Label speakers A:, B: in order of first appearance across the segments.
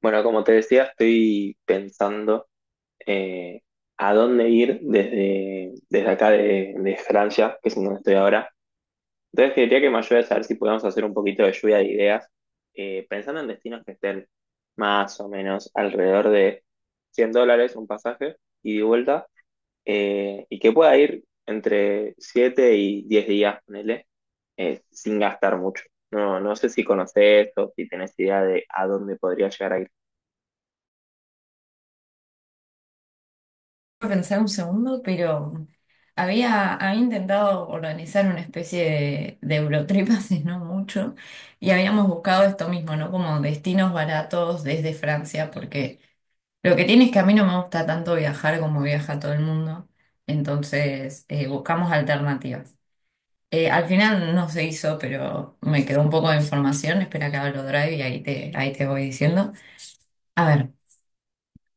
A: Bueno, como te decía, estoy pensando eh, a dónde ir desde acá de Francia, que es en donde estoy ahora. Entonces quería que me ayudes a ver si podemos hacer un poquito de lluvia de ideas, pensando en destinos que estén más o menos alrededor de $100 un pasaje ida y de vuelta, y que pueda ir entre 7 y 10 días, ponele, sin gastar mucho. No, no sé si conoces o si tenés idea de a dónde podría llegar a
B: A pensar un segundo, pero había intentado organizar una especie de Eurotrip hace no mucho y habíamos buscado esto mismo, ¿no? Como destinos baratos desde Francia, porque lo que tiene es que a mí no me gusta tanto viajar como viaja todo el mundo, entonces buscamos alternativas. Al final no se hizo, pero me quedó un poco de información, espera que abro Drive y ahí te voy diciendo. A ver.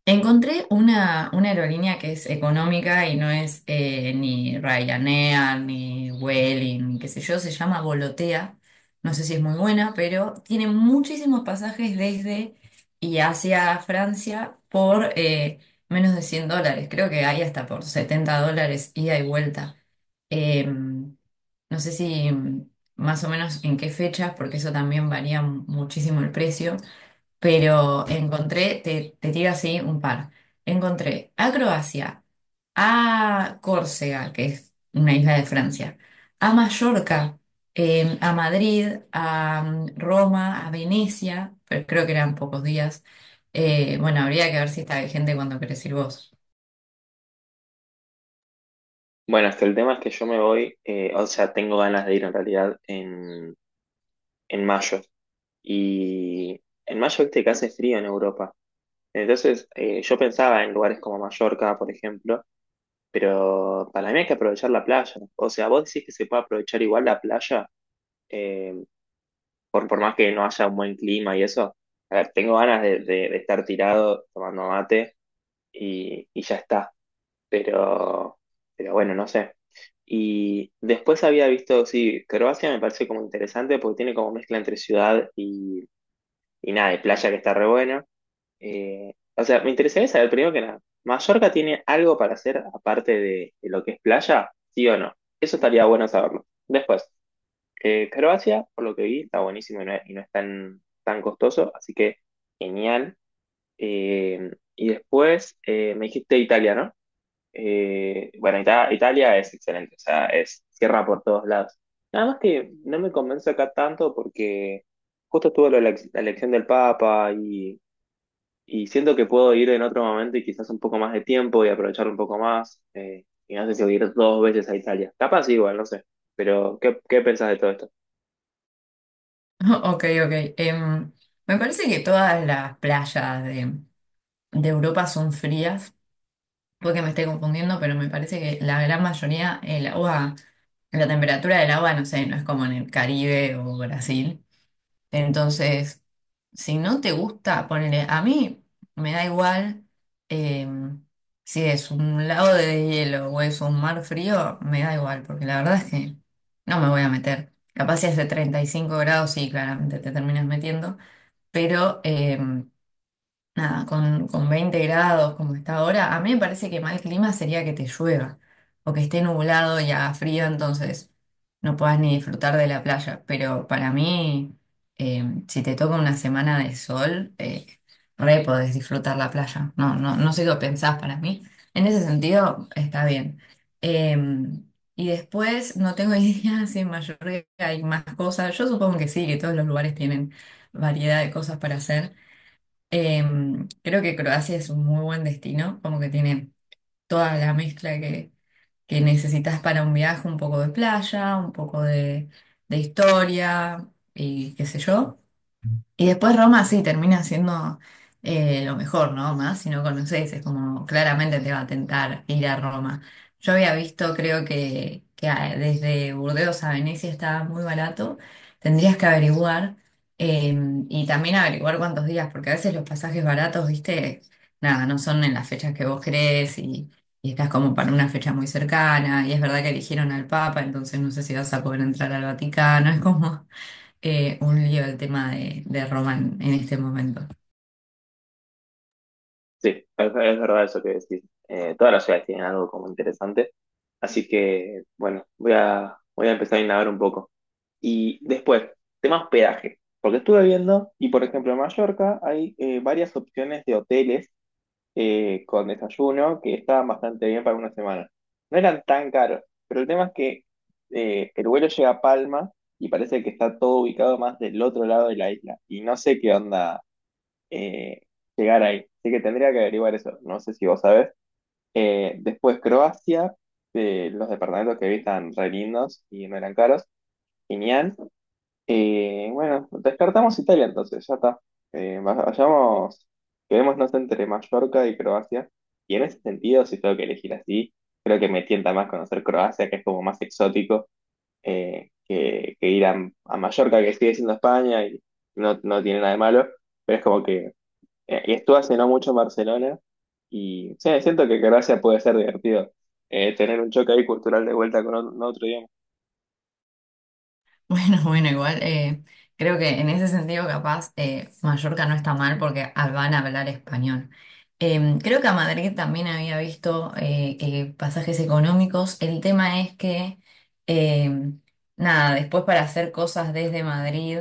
B: Encontré una aerolínea que es económica y no es ni Ryanair, ni Vueling, ni qué sé yo, se llama Volotea. No sé si es muy buena, pero tiene muchísimos pasajes desde y hacia Francia por menos de $100. Creo que hay hasta por $70 ida y vuelta. No sé si más o menos en qué fechas, porque eso también varía muchísimo el precio. Pero encontré, te tiro así un par. Encontré a Croacia, a Córcega, que es una isla de Francia, a Mallorca, a Madrid, a Roma, a Venecia, pero creo que eran pocos días. Bueno, habría que ver si está vigente cuando querés ir vos.
A: bueno, es que el tema es que yo me voy, o sea, tengo ganas de ir en realidad en mayo. Y en mayo, viste que hace frío en Europa. Entonces, yo pensaba en lugares como Mallorca, por ejemplo, pero para mí hay que aprovechar la playa. O sea, vos decís que se puede aprovechar igual la playa, eh, por más que no haya un buen clima y eso. A ver, tengo ganas de estar tirado tomando mate y ya está. pero, pero bueno, no sé. Y después había visto, sí, Croacia me parece como interesante porque tiene como mezcla entre ciudad y nada, y playa que está re buena. O sea, me interesaría saber primero que nada, ¿Mallorca tiene algo para hacer aparte de lo que es playa? ¿Sí o no? Eso estaría bueno saberlo. Después, Croacia, por lo que vi, está buenísimo y no, y no es tan, tan costoso, así que genial. Y después me dijiste Italia, ¿no? Bueno, Italia es excelente, o sea, es cierra por todos lados. Nada más que no me convence acá tanto porque justo estuvo lo de la, la elección del Papa y siento que puedo ir en otro momento y quizás un poco más de tiempo y aprovechar un poco más. Y no sé si voy a ir dos veces a Italia. Capaz igual, no sé. Pero, ¿qué, qué pensás de todo esto?
B: Ok, ok. Me parece que todas las playas de Europa son frías. Puede que me esté confundiendo, pero me parece que la gran mayoría, el agua. La temperatura del agua, no sé, no es como en el Caribe o Brasil. Entonces, si no te gusta, ponele, a mí me da igual eh, si es un lago de hielo o es un mar frío, me da igual, porque la verdad es que no me voy a meter. Capaz si hace 35 grados, sí, claramente te terminas metiendo, pero nada, con 20 grados como está ahora, a mí me parece que mal clima sería que te llueva o que esté nublado y haga frío, entonces no puedas ni disfrutar de la playa. Pero para mí, si te toca una semana de sol, re podés disfrutar la playa. No, no, no sé qué pensás para mí. En ese sentido, está bien. Eh, y después, no tengo idea si en Mallorca hay más cosas. Yo supongo que sí, que todos los lugares tienen variedad de cosas para hacer. Creo que Croacia es un muy buen destino, como que tiene toda la mezcla que necesitas para un viaje, un poco de playa, un poco de historia y qué sé yo. Y después Roma sí termina siendo lo mejor, ¿no? Más si no conoces, es como claramente te va a tentar ir a Roma. Yo había visto, que desde Burdeos a Venecia estaba muy barato. Tendrías que averiguar eh, y también averiguar cuántos días, porque a veces los pasajes baratos, viste, nada, no son en las fechas que vos crees y estás como para una fecha muy cercana. Y es verdad que eligieron al Papa, entonces no sé si vas a poder entrar al Vaticano. Es como un lío el tema de Román en este momento.
A: Sí, es verdad eso que decís. Todas las ciudades tienen algo como interesante. Así que, bueno, voy a empezar a indagar un poco. Y después, tema hospedaje. Porque estuve viendo, y por ejemplo en Mallorca hay varias opciones de hoteles con desayuno que estaban bastante bien para una semana. No eran tan caros, pero el tema es que el vuelo llega a Palma y parece que está todo ubicado más del otro lado de la isla. Y no sé qué onda eh, llegar ahí. Así que tendría que averiguar eso. No sé si vos sabés. Después Croacia, los departamentos que vi están re lindos y no eran caros. Genial. Bueno, descartamos Italia entonces, ya está. Eh, vayamos, quedémonos entre Mallorca y Croacia. Y en ese sentido, si tengo que elegir así, creo que me tienta más conocer Croacia, que es como más exótico, que ir a Mallorca, que sigue siendo España y no, no tiene nada de malo, pero es como que y estuve hace no mucho en Barcelona y sí, siento que Croacia puede ser divertido tener un choque ahí cultural de vuelta con otro, idioma.
B: Bueno, bueno, igual creo que en ese sentido capaz Mallorca no está mal porque ah, van a hablar español. Creo que a Madrid también había visto pasajes económicos. El tema es que, eh, nada, después para hacer cosas desde Madrid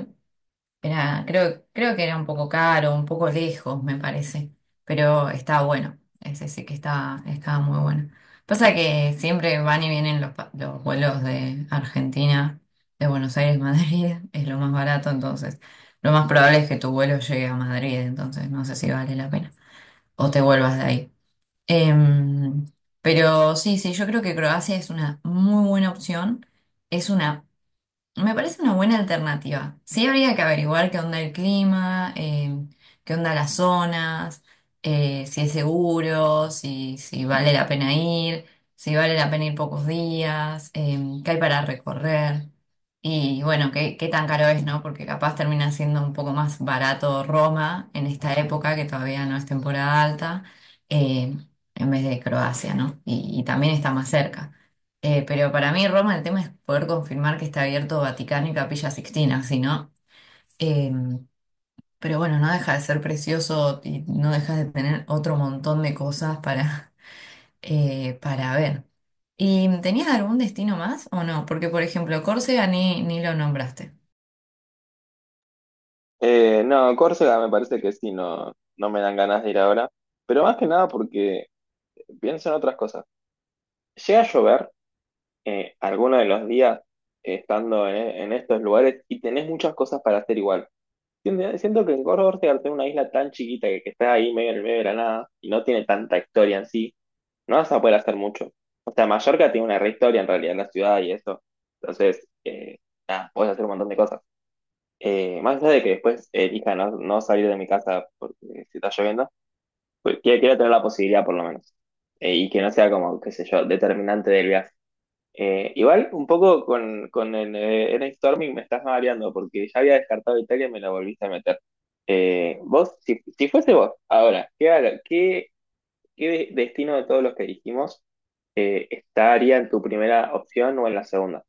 B: era, creo que era un poco caro, un poco lejos, me parece, pero estaba bueno, ese sí que estaba, estaba muy bueno. Pasa que siempre van y vienen los, los vuelos de Argentina, de Buenos Aires, Madrid, es lo más barato, entonces lo más probable es que tu vuelo llegue a Madrid, entonces no sé si vale la pena o te vuelvas de ahí. Em, pero sí, sí, yo creo que Croacia es una muy buena opción. Es una Me parece una buena alternativa. Sí, habría que averiguar qué onda el clima, qué onda las zonas, si es seguro, si vale la pena ir, si vale la pena ir pocos días, qué hay para recorrer. Y bueno, qué tan caro es, ¿no? Porque capaz termina siendo un poco más barato Roma en esta época, que todavía no es temporada alta, eh, en vez de Croacia, ¿no? Y también está más cerca. Pero para mí Roma el tema es poder confirmar que está abierto Vaticano y Capilla Sixtina, si no, eh, pero bueno, no deja de ser precioso y no deja de tener otro montón de cosas para, para ver. ¿Y tenías algún destino más o no? Porque por ejemplo, Córcega ni lo nombraste.
A: No, Córcega me parece que sí, no, no me dan ganas de ir ahora, pero más que nada porque pienso en otras cosas. Llega a llover alguno de los días estando en estos lugares y tenés muchas cosas para hacer igual. Siento que en Córdoba Ortega, al ser una isla tan chiquita que está ahí medio en el medio de la nada y no tiene tanta historia en sí, no vas a poder hacer mucho. O sea, Mallorca tiene una re historia en realidad, la ciudad y eso. Entonces, nada, podés hacer un montón de cosas. Más allá de que después elija no, no salir de mi casa porque se está lloviendo, pues quiero, quiero tener la posibilidad por lo menos. Y que no sea como, qué sé yo, determinante del viaje. Igual, un poco con el Eric Storming me estás mareando porque ya había descartado Italia y me la volviste a meter. Vos, si, si fuese vos, ahora, ¿qué, qué, qué destino de todos los que dijimos estaría en tu primera opción o en la segunda?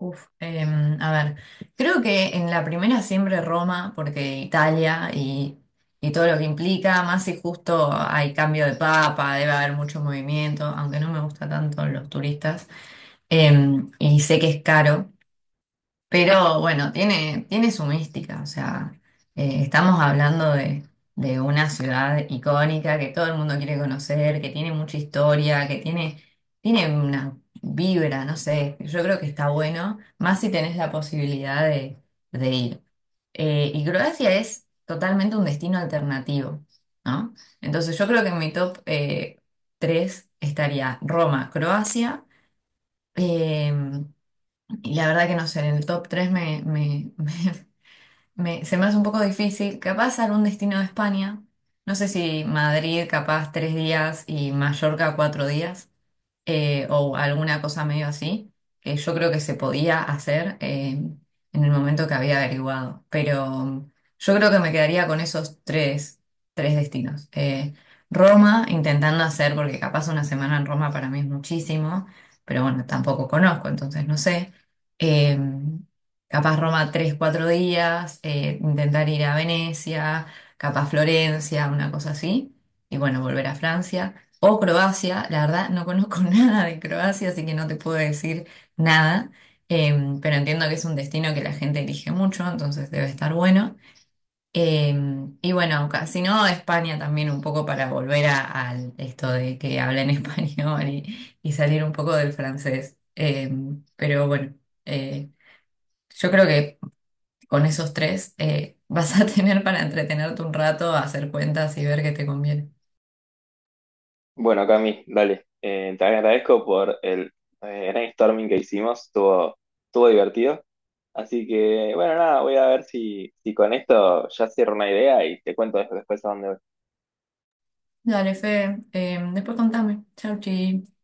B: Uf, a ver, creo que en la primera siempre Roma, porque Italia y todo lo que implica, más si justo hay cambio de papa, debe haber mucho movimiento, aunque no me gusta tanto los turistas, y sé que es caro, pero bueno, tiene su mística, o sea, estamos hablando de una ciudad icónica que todo el mundo quiere conocer, que tiene mucha historia, tiene una vibra, no sé, yo creo que está bueno, más si tenés la posibilidad de ir. Y Croacia es totalmente un destino alternativo, ¿no? Entonces yo creo que en mi top 3 estaría Roma, Croacia, em, y la verdad que no sé, en el top 3 se me hace un poco difícil. Capaz algún destino de España. No sé si Madrid, capaz tres días y Mallorca cuatro días o alguna cosa medio así, que yo creo que se podía hacer en el momento que había averiguado. Pero yo creo que me quedaría con esos tres destinos. Roma, intentando hacer, porque capaz una semana en Roma para mí es muchísimo, pero bueno, tampoco conozco, entonces no sé. Eh, Capaz Roma tres, cuatro días, intentar ir a Venecia, capaz Florencia, una cosa así, y bueno, volver a Francia o Croacia. La verdad, no conozco nada de Croacia, así que no te puedo decir nada. Pero entiendo que es un destino que la gente elige mucho, entonces debe estar bueno. Y bueno, si no, España también un poco para volver a, al esto de que hablen español y salir un poco del francés. Pero bueno, eh, yo creo que con esos tres vas a tener para entretenerte un rato, hacer cuentas y ver qué te conviene.
A: Bueno, Cami, dale. Te agradezco por el brainstorming que hicimos, estuvo, estuvo divertido. Así que, bueno, nada, voy a ver si, si con esto ya cierro una idea y te cuento después a dónde voy.
B: Dale, Fe, después contame. Chau, chi.